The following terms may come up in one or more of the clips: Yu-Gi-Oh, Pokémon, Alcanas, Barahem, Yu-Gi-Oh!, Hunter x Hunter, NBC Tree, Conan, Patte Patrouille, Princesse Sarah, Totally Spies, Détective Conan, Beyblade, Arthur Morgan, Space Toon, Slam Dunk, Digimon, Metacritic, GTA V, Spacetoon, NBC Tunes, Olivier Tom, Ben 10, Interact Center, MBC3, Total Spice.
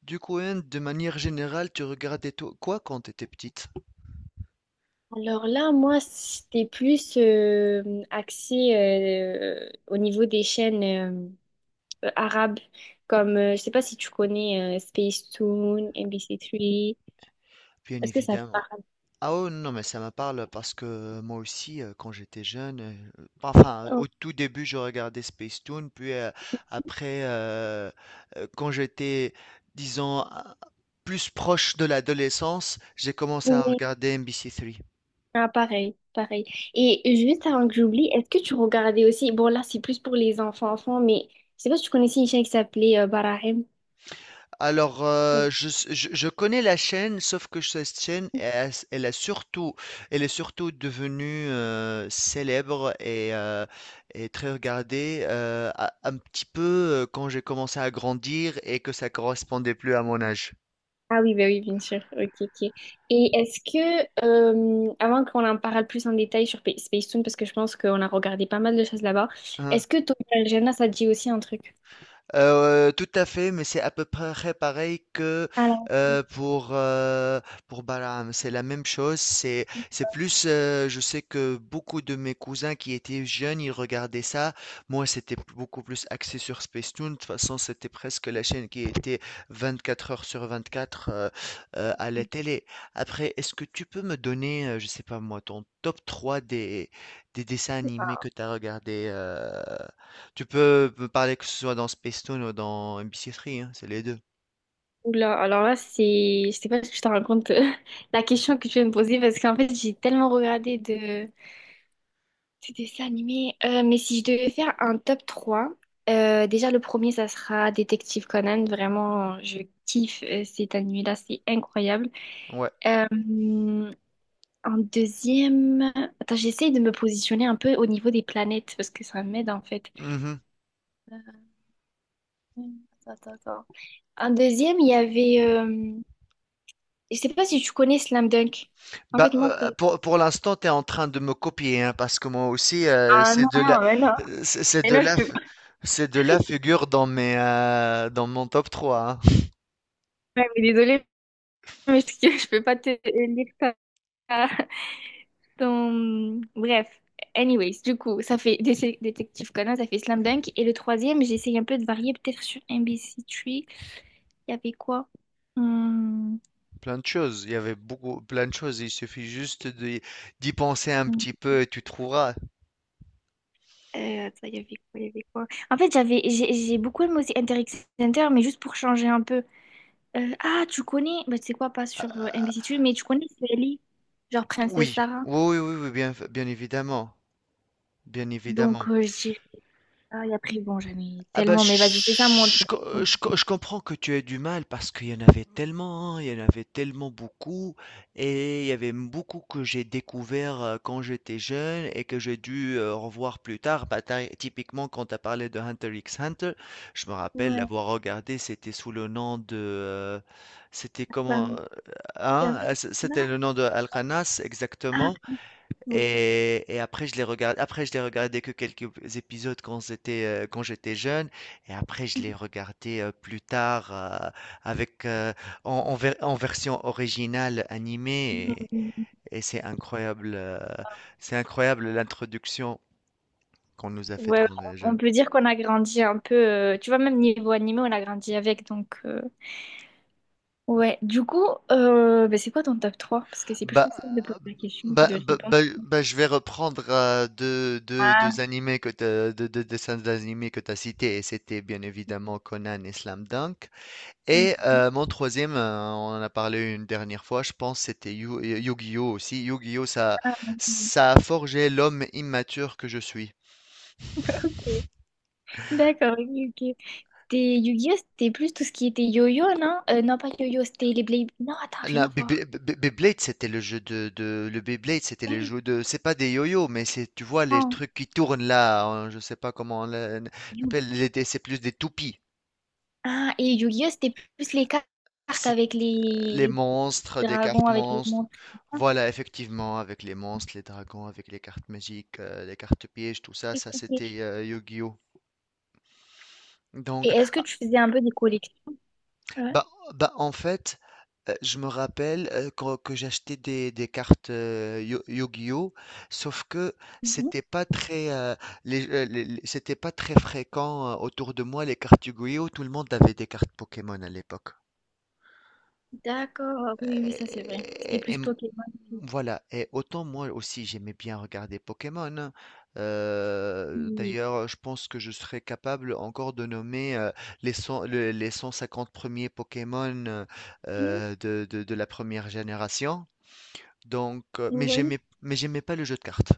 Du coup, hein, de manière générale, tu regardais quoi quand tu étais petite? Alors là, moi, c'était plus axé au niveau des chaînes arabes, comme, je sais pas si tu connais Spacetoon, MBC3, Bien est-ce que ça te évidemment. parle? Ah non, mais ça me parle parce que moi aussi, quand j'étais jeune, enfin, Oh, au tout début, je regardais Space Toon, puis après, euh, quand j'étais, disons, plus proche de l'adolescence, j'ai commencé à oui. regarder NBC3. Ah, pareil, pareil. Et juste avant que j'oublie, est-ce que tu regardais aussi, bon là, c'est plus pour les enfants-enfants, mais je sais pas si tu connaissais une chaîne qui s'appelait Barahem? Alors, je connais la chaîne, sauf que cette chaîne, elle a surtout, elle est surtout devenue célèbre et très regardée un petit peu quand j'ai commencé à grandir et que ça correspondait plus à mon âge. Ah oui, bah oui, bien sûr. Ok, ok. Et est-ce que, avant qu'on en parle plus en détail sur Space Toon, parce que je pense qu'on a regardé pas mal de choses là-bas, Hein. est-ce que Tokyo ça te dit aussi un truc? Tout à fait, mais c'est à peu près pareil que, Alors, heu, pour, heu, pour Bahlam. C'est la même chose, c'est plus, je sais que beaucoup de mes cousins qui étaient jeunes, ils regardaient ça. Moi, c'était p beaucoup plus axé sur Spacetoon. De toute façon, c'était presque la chaîne qui était 24 heures sur 24, à la télé. Après, est-ce que tu peux me donner, je sais pas moi, ton top 3 des dessins animés que tu as regardés, tu peux me parler que ce soit dans Spacetoon ou dans MBC3, hein, c'est les deux. oula, alors là, c'est... Je sais pas si je te rends compte la question que tu viens de me poser, parce qu'en fait, j'ai tellement regardé de dessins animés. Mais si je devais faire un top 3, déjà, le premier, ça sera Détective Conan. Vraiment, je kiffe cet animé-là, c'est incroyable. Ouais. Euh, En deuxième, attends, j'essaye de me positionner un peu au niveau des planètes parce que ça m'aide en fait. Mhm. Euh, Attends, attends, attends. En deuxième, il y avait, je sais pas si tu connais Slam Dunk. En Bah, fait, moi, pour l'instant, tu es en train de me copier, hein, parce que moi aussi, ah non, c'est de la, non, mais non. C'est Mais de non, je la, peux c'est de la figure dans mes, dans mon top trois, hein. pas. Ouais, mais désolée, mais parce je peux pas te lire ça. Bref, anyways, du coup, ça fait Détective Conan, ça fait Slam Dunk. Et le troisième, j'essaye un peu de varier, peut-être sur NBC Tree. Il y avait quoi? Hmm, Plein de choses. Il y avait beaucoup, plein de choses. Il suffit juste d'y penser un hmm. petit peu et tu trouveras. Attends, il y avait quoi, il y avait quoi? En fait, j'ai beaucoup aimé aussi Interact Center, mais juste pour changer un peu. Ah, tu connais, bah, tu sais quoi, pas sur NBC Tunes, mais tu connais Sally, genre Princesse Oui, Sarah. oui, oui, oui, oui, bien, bien évidemment, bien évidemment. Donc, je dirais ça, et après, bon, j'en ai Ah bah, je, tellement, mais vas-y, c'est ça mon je- top. je je co- je comprends que tu aies du mal parce qu'il y en avait tellement, hein, il y en avait tellement beaucoup et il y avait beaucoup que j'ai découvert quand j'étais jeune et que j'ai dû revoir plus tard. Bah, typiquement, quand tu as parlé de Hunter x Hunter, je me rappelle Ouais, l'avoir regardé, c'était sous le nom de... c'était ça comment... me fait un hein, truc c- comme ça. C'était le nom de Alcanas Ah, exactement. oui. Et après je les regardais que quelques épisodes quand j'étais jeune et après je les regardais plus tard avec en, en version originale animée et c'est incroyable l'introduction qu'on nous a faite Ouais, quand on est on jeune. peut dire qu'on a grandi un peu, tu vois, même niveau animé, on a grandi avec, donc... ouais, du coup, bah, c'est quoi ton top trois? Parce que c'est plus Bah facile de poser la question que bah, de bah, répondre. bah, bah, je vais reprendre Ah. deux animés deux dessins animés que tu as cités et c'était bien évidemment Conan et Slam Dunk. Mhm. Et mon troisième, on en a parlé une dernière fois, je pense c'était Yu-Gi-Oh aussi. Yu-Gi-Oh, ça a forgé l'homme immature que je suis. Ok. D'accord, ok, ok. C'était Yu-Gi-Oh! C'était plus tout ce qui était yo-yo, non? Non, pas yo-yo, c'était les Blade. Non, attends, rien La à voir. Beyblade, c'était le jeu le Beyblade, c'était les jeux de, c'est pas des yo-yo, mais c'est, tu vois, les Non. trucs qui tournent là, hein, je sais pas comment Yu- l'appelle, c'est plus des toupies. ah, et Yu-Gi-Oh! C'était plus les cartes C'est avec les les monstres, des dragons, cartes avec les monstres. montres. Ah, Voilà, effectivement, avec les monstres, les dragons, avec les cartes magiques, les cartes pièges, tout ça, ok, ça ok. c'était Yu-Gi-Oh. Et Donc, est-ce que ah, tu faisais un peu des collections? Ouais. bah, bah, en fait, je me rappelle que j'achetais des cartes Yu-Gi-Oh, sauf que Mhm. c'était pas très, c'était pas très fréquent autour de moi les cartes Yu-Gi-Oh. Tout le monde avait des cartes Pokémon à l'époque. D'accord, oui, oui, oui, ça c'est vrai. C'était Et, plus Pokémon. Voilà, et autant moi aussi j'aimais bien regarder Pokémon. Qui- D'ailleurs, je pense que je serais capable encore de nommer les 150 premiers Pokémon qui- de, de la première génération. Donc, Ouais. Mais j'aimais pas le jeu de cartes.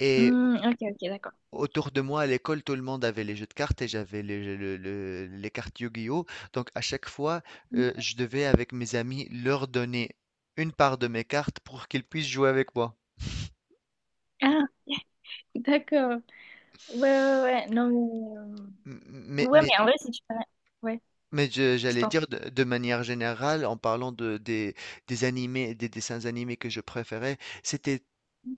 Et Hmm, ok, ok, d'accord. autour de moi à l'école, tout le monde avait les jeux de cartes et j'avais les cartes Yu-Gi-Oh! Donc à chaque fois, je devais avec mes amis leur donner une part de mes cartes pour qu'ils puissent jouer avec moi. Ah, d'accord. Ouais, ouais, ouais, ouais. Non, mais... M- Mais, ouais, mais, mais en vrai, si tu... Ouais, mais je j'allais t'en... dire de manière générale, en parlant des animés, des dessins animés que je préférais, c'était,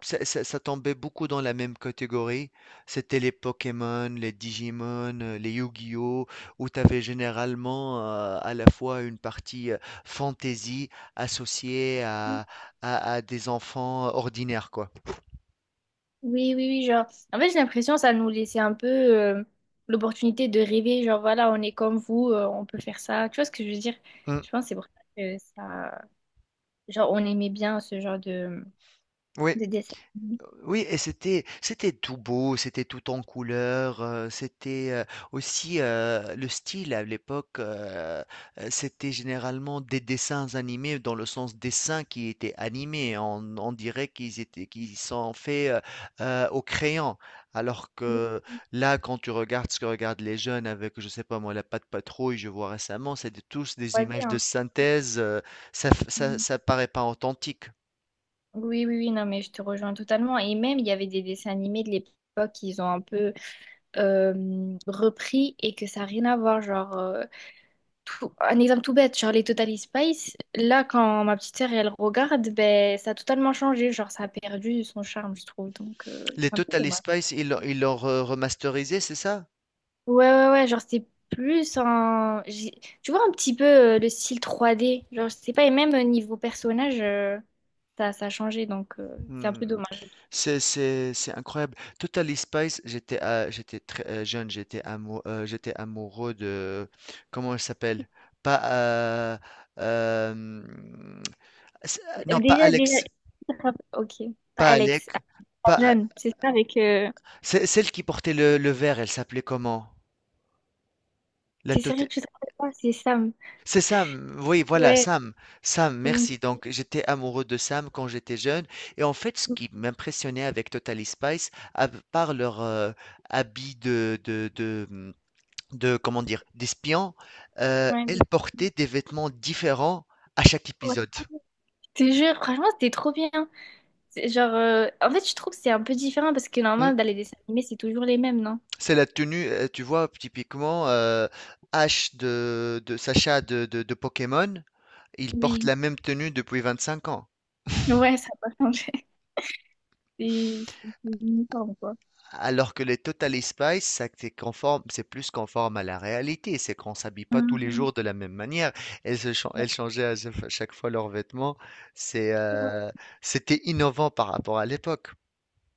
ça tombait beaucoup dans la même catégorie. C'était les Pokémon, les Digimon, les Yu-Gi-Oh, où tu avais généralement à la fois une partie fantasy associée à, à des enfants ordinaires, quoi. Oui, oui, oui, genre... En fait, j'ai l'impression que ça nous laissait un peu l'opportunité de rêver, genre, voilà, on est comme vous, on peut faire ça. Tu vois ce que je veux dire? Mm. Je pense que c'est pour ça que ça... Genre, on aimait bien ce genre Oui, de dessin. Oui et c'était tout beau, c'était tout en couleurs, c'était, le style à l'époque, c'était généralement des dessins animés dans le sens dessin qui était animé. On dirait qu'ils sont faits, au crayon. Alors Oui, que là, quand tu regardes ce que regardent les jeunes avec, je sais pas moi, la Patte Patrouille, je vois récemment, c'est des tous des 3D, images de hein. synthèse, ça f ça Mm. ça paraît pas authentique. Oui, oui, oui, non, mais je te rejoins totalement. Et même, il y avait des dessins animés de l'époque qu'ils ont un peu repris et que ça n'a rien à voir. Genre, un exemple tout bête, genre les Total Spice, là, quand ma petite sœur, elle regarde, ben, ça a totalement changé. Genre, ça a perdu son charme, je trouve. Donc, Les c'est un peu Total dommage. Spice, ils l'ont re remasterisé, c'est ça? Ouais, ouais, ouais, genre, c'est plus en... tu vois un petit peu le style 3D. Genre, je sais pas, et même niveau personnage, ça a changé. Donc, c'est un peu Hmm. dommage. C'est incroyable. Total Spice, j'étais très jeune, j'étais amoureux de comment elle s'appelle? Pas hmm, c'est- non, pas Déjà, déjà, Alex, ok. Pas pas Alex, Alec, ah, pas A- John, c'est ça avec... c'est celle qui portait le verre, elle s'appelait comment? La t'es Tot- sérieux, tu te rappelles pas? C'est Sam. C'est Sam, oui, voilà, Ouais. Sam. Sam, Donc, merci. Donc, j'étais amoureux de Sam quand j'étais jeune. Et en fait, ce qui m'impressionnait avec Totally Spice, à part leur habit de, comment dire, d'espion, ouais, elles portaient des vêtements différents à chaque ouais, épisode. je te jure, franchement, c'était trop bien. C'est Genre, en fait, je trouve que c'est un peu différent parce que Hmm. normalement, dans les dessins animés, c'est toujours les mêmes, non? C'est la tenue, tu vois, typiquement, Ash de Sacha de Pokémon, il porte Oui, la même tenue depuis 25 ans. ouais, ça n'a pas changé. C'est uniforme, quoi. Alors que les Total Spice, ça, c'est conforme, c'est plus conforme à la réalité, c'est qu'on s'habille pas tous les Mhm. jours de la même manière. Elles, elles changeaient à chaque fois leurs vêtements. C'est, Ouais. C'était innovant par rapport à l'époque.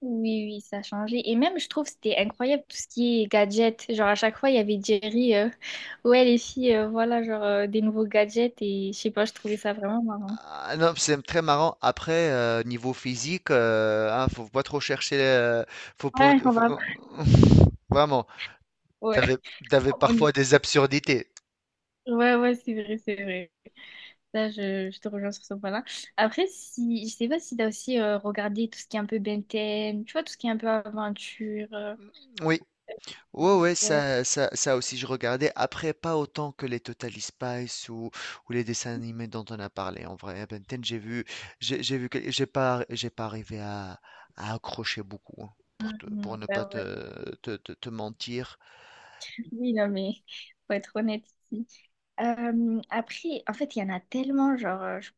Oui, oui, ça a changé. Et même, je trouve, que c'était incroyable tout ce qui est gadgets. Genre, à chaque fois, il y avait Jerry. Ouais, les filles, voilà, genre, des nouveaux gadgets. Et je sais pas, je trouvais ça vraiment marrant. Ah non, c'est très marrant. Après, niveau physique, hein, faut pas trop chercher, faut, pas- Ouais, on va. faut- vraiment, t'avais, Ouais, t'avais on y- parfois des absurdités. Ouais, ouais, c'est vrai, c'est vrai. Là, je te rejoins sur ce point-là. Après, si, je sais pas si t'as aussi regardé tout ce qui est un peu Ben 10, tu vois, tout ce qui est un peu aventure. Oui. Ouais, ouais, Ouais. Ça aussi, je regardais. Après, pas autant que les Total Spies ou les dessins animés dont on a parlé. En vrai, Ben 10, j'ai vu, que- j'ai pas arrivé à accrocher beaucoup, hein, pour te, pour Mhm, ne pas bah ouais. Te mentir. Oui, non, mais faut être honnête ici. Après, en fait, il y en a tellement, genre,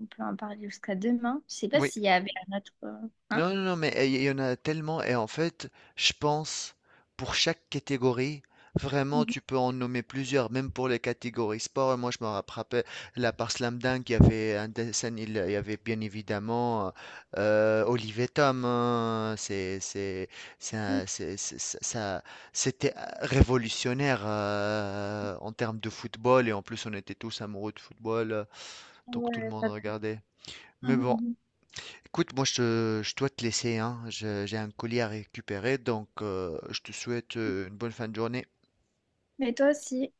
on peut en parler jusqu'à demain. Je sais pas Oui. s'il y avait un autre. Hein? Non, non, non, mais il y en a tellement. Et en fait, je pense, pour chaque catégorie, vraiment, Mhm. tu peux en nommer plusieurs, même pour les catégories sport. Moi, je me rappelle, là, par Slam Dunk, il y avait un dessin, il y avait bien évidemment Olivier Tom, hein, c'est un- c'est- ça- c'était révolutionnaire en termes de football. Et en plus, on était tous amoureux de football, donc tout le Ouais, monde ça- regardait. Mais Mhm, bon. mhm. Écoute, moi, je dois te laisser, hein. J'ai un colis à récupérer, donc je te souhaite une bonne fin de journée. Mais toi aussi.